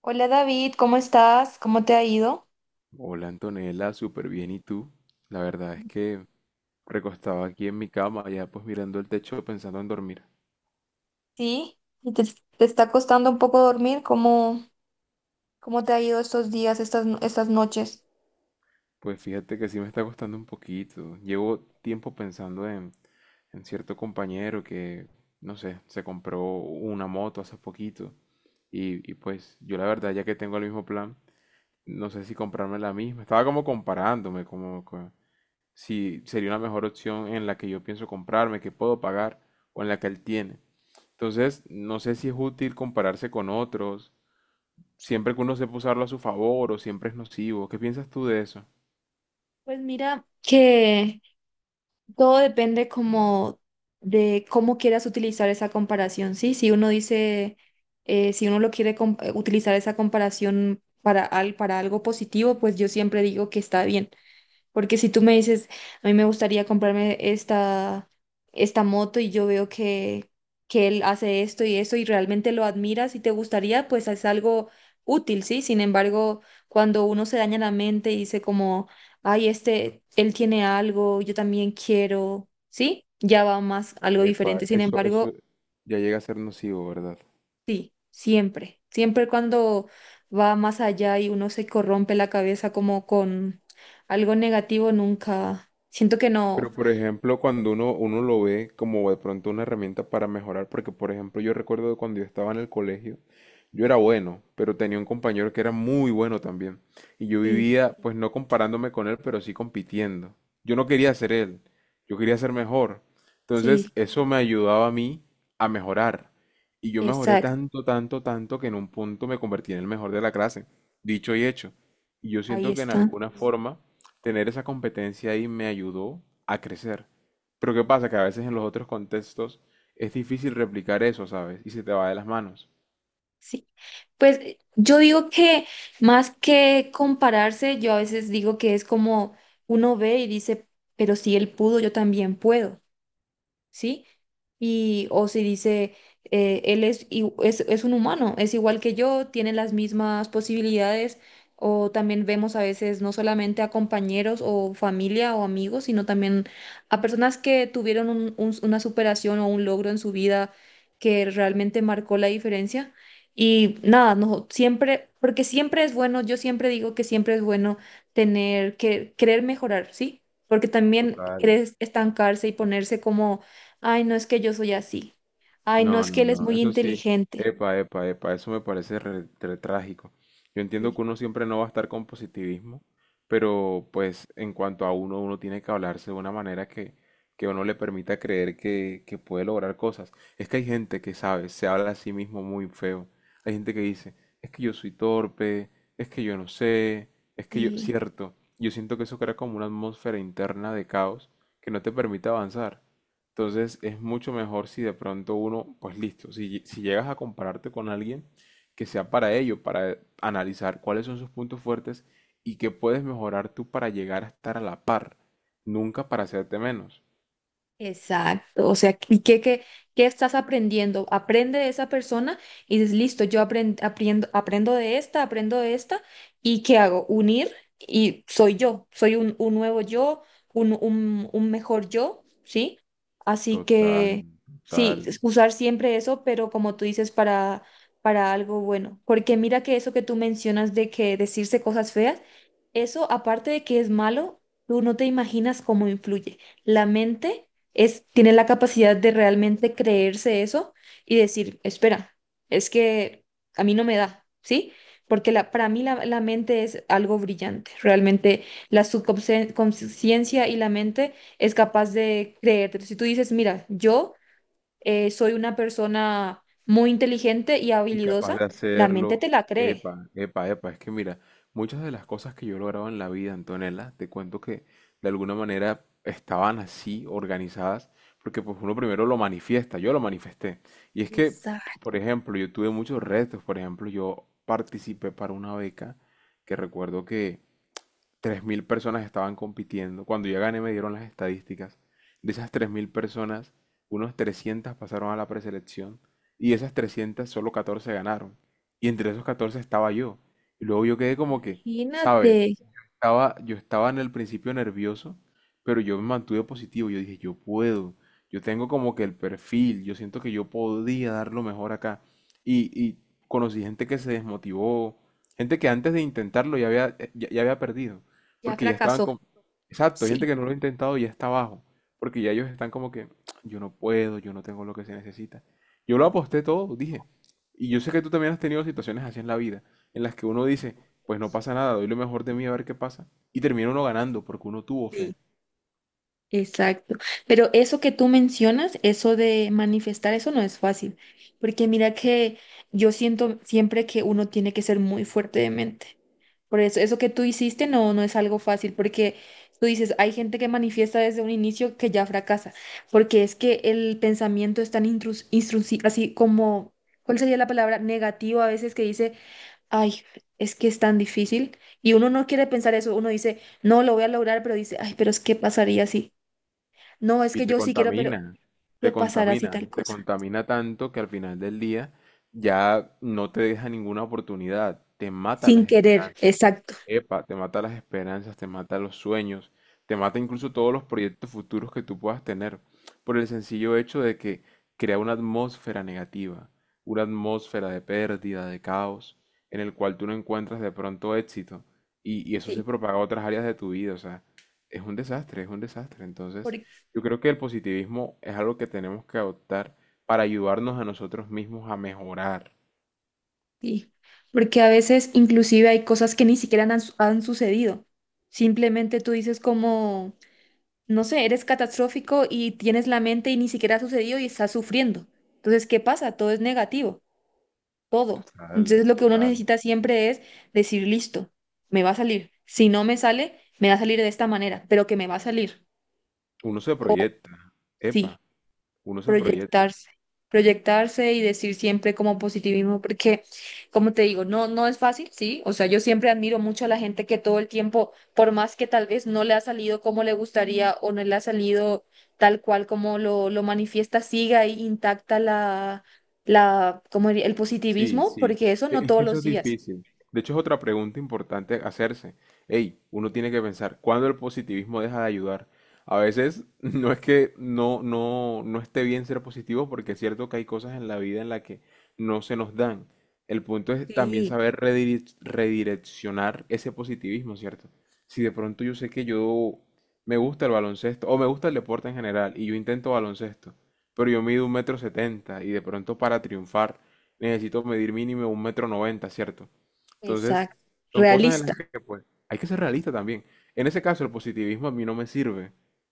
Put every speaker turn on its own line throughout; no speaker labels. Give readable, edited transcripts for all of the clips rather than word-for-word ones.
Hola David, ¿cómo estás? ¿Cómo te ha ido?
Hola Antonella, súper bien. ¿Y tú? La verdad es que recostaba aquí en mi cama, ya pues mirando el techo pensando en dormir.
Sí, ¿te está costando un poco dormir? ¿Cómo te ha ido estos días, estas, no- estas noches?
Pues fíjate que sí me está costando un poquito. Llevo tiempo pensando en cierto compañero que, no sé, se compró una moto hace poquito. Y pues yo la verdad, ya que tengo el mismo plan, no sé si comprarme la misma. Estaba como comparándome, si sería una mejor opción en la que yo pienso comprarme, que puedo pagar, o en la que él tiene. Entonces, no sé si es útil compararse con otros, siempre que uno sepa usarlo a su favor o siempre es nocivo. ¿Qué piensas tú de eso?
Pues mira que todo depende como de cómo quieras utilizar esa comparación, ¿sí? Si uno dice, si uno lo quiere utilizar esa comparación para, para algo positivo, pues yo siempre digo que está bien. Porque si tú me dices, a mí me gustaría comprarme esta moto y yo veo que él hace esto y esto y realmente lo admiras y te gustaría, pues es algo útil, ¿sí? Sin embargo, cuando uno se daña la mente y dice como, ay, este, él tiene algo, yo también quiero, ¿sí? Ya va más algo
Epa,
diferente. Sin
eso
embargo,
ya llega a ser nocivo, ¿verdad?
siempre cuando va más allá y uno se corrompe la cabeza como con algo negativo, nunca, siento que no.
Pero por ejemplo, cuando uno lo ve como de pronto una herramienta para mejorar, porque por ejemplo yo recuerdo de cuando yo estaba en el colegio, yo era bueno, pero tenía un compañero que era muy bueno también. Y yo
Sí,
vivía, pues no comparándome con él, pero sí compitiendo. Yo no quería ser él, yo quería ser mejor. Entonces
sí,
eso me ayudaba a mí a mejorar. Y yo mejoré
exacto,
tanto, tanto, tanto que en un punto me convertí en el mejor de la clase. Dicho y hecho. Y yo
ahí
siento que en
está.
alguna forma tener esa competencia ahí me ayudó a crecer. Pero ¿qué pasa? Que a veces en los otros contextos es difícil replicar eso, ¿sabes? Y se te va de las manos.
Sí. Pues yo digo que más que compararse, yo a veces digo que es como uno ve y dice, pero si él pudo, yo también puedo. ¿Sí? Y, o si dice, él es, i- es un humano, es igual que yo, tiene las mismas posibilidades, o también vemos a veces no solamente a compañeros o familia o amigos, sino también a personas que tuvieron una superación o un logro en su vida que realmente marcó la diferencia. Y nada, no, siempre, porque siempre es bueno, yo siempre digo que siempre es bueno tener que querer mejorar, ¿sí? Porque también
Total.
querer estancarse y ponerse como: ay, no es que yo soy así. Ay, no
No,
es
no,
que él es
no,
muy
eso sí.
inteligente.
Epa, epa, epa, eso me parece re trágico. Yo entiendo
Sí,
que uno siempre no va a estar con positivismo, pero pues en cuanto a uno tiene que hablarse de una manera que uno le permita creer que puede lograr cosas. Es que hay gente que sabe, se habla a sí mismo muy feo. Hay gente que dice, es que yo soy torpe, es que yo no sé, es que yo,
sí.
cierto, yo siento que eso crea como una atmósfera interna de caos que no te permite avanzar. Entonces es mucho mejor si de pronto uno, pues listo, si llegas a compararte con alguien que sea para ello, para analizar cuáles son sus puntos fuertes y qué puedes mejorar tú para llegar a estar a la par, nunca para hacerte menos.
Exacto, o sea, ¿qué estás aprendiendo? Aprende de esa persona y dices, listo, yo aprendo, aprendo, aprendo de esta, ¿y qué hago? Unir y soy yo, soy un nuevo yo, un mejor yo, ¿sí? Así
Total,
que sí,
total.
es usar siempre eso, pero como tú dices, para algo bueno, porque mira que eso que tú mencionas de que decirse cosas feas, eso aparte de que es malo, tú no te imaginas cómo influye. La mente es, tiene la capacidad de realmente creerse eso y decir, espera, es que a mí no me da, ¿sí? Porque para mí la mente es algo brillante. Realmente la subconsciencia y la mente es capaz de creerte. Si tú dices, mira, yo soy una persona muy inteligente y
Y capaz
habilidosa,
de
la mente
hacerlo.
te la cree.
Epa, epa, epa. Es que mira, muchas de las cosas que yo he logrado en la vida, Antonella, te cuento que de alguna manera estaban así organizadas, porque pues uno primero lo manifiesta, yo lo manifesté. Y es que, por ejemplo, yo tuve muchos retos, por ejemplo, yo participé para una beca que recuerdo que tres mil personas estaban compitiendo. Cuando yo gané me dieron las estadísticas. De esas 3000 personas, unos 300 pasaron a la preselección y de esas 300 solo 14 ganaron. Y entre esos 14 estaba yo. Y luego yo quedé como que, ¿sabes?
Imagínate,
Estaba, yo estaba en el principio nervioso, pero yo me mantuve positivo. Yo dije, yo puedo, yo tengo como que el perfil, yo siento que yo podía dar lo mejor acá. Y conocí gente que se desmotivó, gente que antes de intentarlo ya había perdido,
ya
porque ya estaban
fracasó.
como... Exacto, hay gente
Sí.
que no lo ha intentado y ya está abajo, porque ya ellos están como que, yo no puedo, yo no tengo lo que se necesita. Yo lo aposté todo, dije. Y yo sé que tú también has tenido situaciones así en la vida, en las que uno dice, pues no pasa nada, doy lo mejor de mí a ver qué pasa. Y termina uno ganando porque uno tuvo fe.
Sí. Exacto. Pero eso que tú mencionas, eso de manifestar, eso no es fácil. Porque mira que yo siento siempre que uno tiene que ser muy fuerte de mente. Por eso, eso que tú hiciste no, no es algo fácil, porque tú dices, hay gente que manifiesta desde un inicio que ya fracasa, porque es que el pensamiento es tan así como, ¿cuál sería la palabra? Negativo a veces que dice, ay, es que es tan difícil. Y uno no quiere pensar eso, uno dice, no, lo voy a lograr, pero dice, ay, pero es que pasaría así. No, es
Y
que
te
yo sí quiero, pero
contamina,
¿qué
te
pasará si
contamina,
tal
te
cosa?
contamina tanto que al final del día ya no te deja ninguna oportunidad, te mata
Sin
las
querer,
esperanzas.
exacto,
Epa, te mata las esperanzas, te mata los sueños, te mata incluso todos los proyectos futuros que tú puedas tener, por el sencillo hecho de que crea una atmósfera negativa, una atmósfera de pérdida, de caos, en el cual tú no encuentras de pronto éxito. Y eso
sí,
se propaga a otras áreas de tu vida, o sea, es un desastre, es un desastre. Entonces,
porque,
yo creo que el positivismo es algo que tenemos que adoptar para ayudarnos a nosotros mismos a mejorar.
sí, porque a veces inclusive hay cosas que ni siquiera han sucedido. Simplemente tú dices como, no sé, eres catastrófico y tienes la mente y ni siquiera ha sucedido y estás sufriendo. Entonces, ¿qué pasa? Todo es negativo, todo.
Total,
Entonces, lo que uno
total.
necesita siempre es decir, listo, me va a salir. Si no me sale, me va a salir de esta manera, pero que me va a salir.
Uno se
O
proyecta,
sí.
epa, uno se proyecta.
Proyectarse, proyectarse y decir siempre como positivismo, porque como te digo, no, no es fácil, sí, o sea, yo siempre admiro mucho a la gente que todo el tiempo, por más que tal vez no le ha salido como le gustaría o no le ha salido tal cual como lo manifiesta, siga ahí intacta como el
Sí,
positivismo,
sí.
porque eso
E-
no
Es que
todos
eso
los
es
días.
difícil. De hecho, es otra pregunta importante hacerse. Ey, uno tiene que pensar, ¿cuándo el positivismo deja de ayudar? A veces no es que no esté bien ser positivo, porque es cierto que hay cosas en la vida en las que no se nos dan. El punto es también
Sí,
saber redireccionar ese positivismo, ¿cierto? Si de pronto yo sé que yo me gusta el baloncesto, o me gusta el deporte en general, y yo intento baloncesto, pero yo mido 1,70 m, y de pronto para triunfar. Necesito medir mínimo 1,90 m, ¿cierto? Entonces,
exacto,
son cosas en las
realista.
que pues hay que ser realista también. En ese caso, el positivismo a mí no me sirve.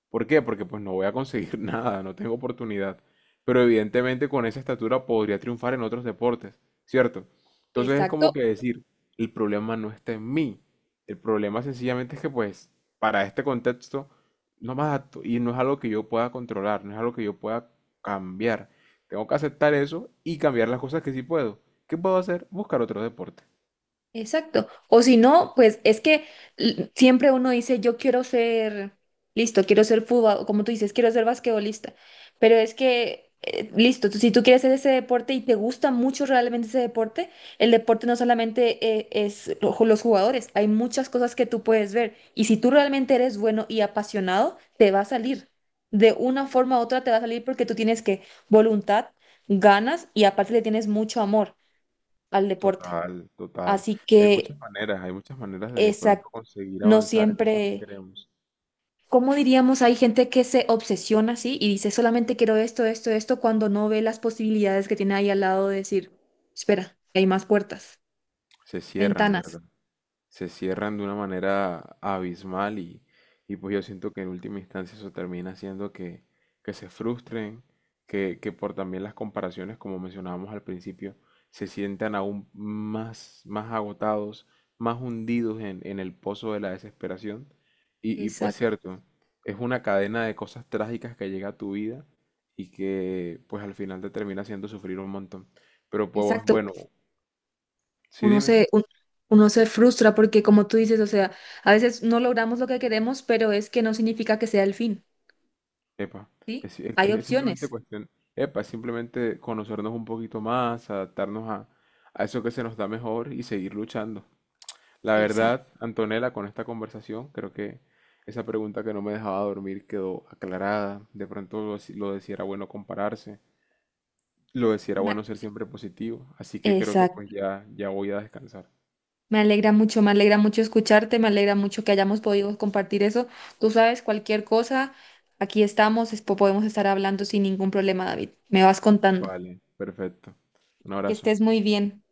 ¿Por qué? Porque pues no voy a conseguir nada, no tengo oportunidad. Pero evidentemente con esa estatura podría triunfar en otros deportes, ¿cierto? Entonces es como
Exacto.
que decir, el problema no está en mí. El problema sencillamente es que pues para este contexto no me adapto y no es algo que yo pueda controlar, no es algo que yo pueda cambiar. Tengo que aceptar eso y cambiar las cosas que sí puedo. ¿Qué puedo hacer? Buscar otro deporte.
Exacto. O si no, pues es que siempre uno dice, yo quiero ser, listo, quiero ser fútbol, o como tú dices, quiero ser basquetbolista. Pero es que, listo, si tú quieres hacer ese deporte y te gusta mucho realmente ese deporte, el deporte no solamente los jugadores, hay muchas cosas que tú puedes ver. Y si tú realmente eres bueno y apasionado, te va a salir. De una forma u otra te va a salir porque tú tienes que voluntad, ganas y aparte le tienes mucho amor al deporte.
Total, total.
Así que...
Hay muchas maneras de pronto
Exacto,
conseguir
no
avanzar en eso que
siempre,
queremos.
¿cómo diríamos? Hay gente que se obsesiona así y dice solamente quiero esto, esto, esto, cuando no ve las posibilidades que tiene ahí al lado de decir, espera, hay más puertas,
Se cierran,
ventanas.
¿verdad? Se cierran de una manera abismal y pues yo siento que en última instancia eso termina haciendo que, se frustren, que por también las comparaciones, como mencionábamos al principio, se sientan aún más, más agotados, más hundidos en el pozo de la desesperación. Y pues
Exacto,
cierto, es una cadena de cosas trágicas que llega a tu vida y que pues al final te termina haciendo sufrir un montón. Pero pues
exacto.
bueno, sí
Uno
dime.
se, un- uno se frustra porque como tú dices, o sea, a veces no logramos lo que queremos, pero es que no significa que sea el fin,
Epa,
¿sí?
es, es-
Hay
es simplemente
opciones.
cuestión, epa, es simplemente conocernos un poquito más, adaptarnos a eso que se nos da mejor y seguir luchando. La
Exacto.
verdad, Antonella, con esta conversación, creo que esa pregunta que no me dejaba dormir quedó aclarada. De pronto lo de si era bueno compararse, lo decía era bueno ser siempre positivo. Así que creo que pues ya voy a descansar.
Me alegra mucho escucharte, me alegra mucho que hayamos podido compartir eso. Tú sabes, cualquier cosa, aquí estamos, podemos estar hablando sin ningún problema, David. Me vas contando.
Vale, perfecto. Un
Que
abrazo.
estés muy bien.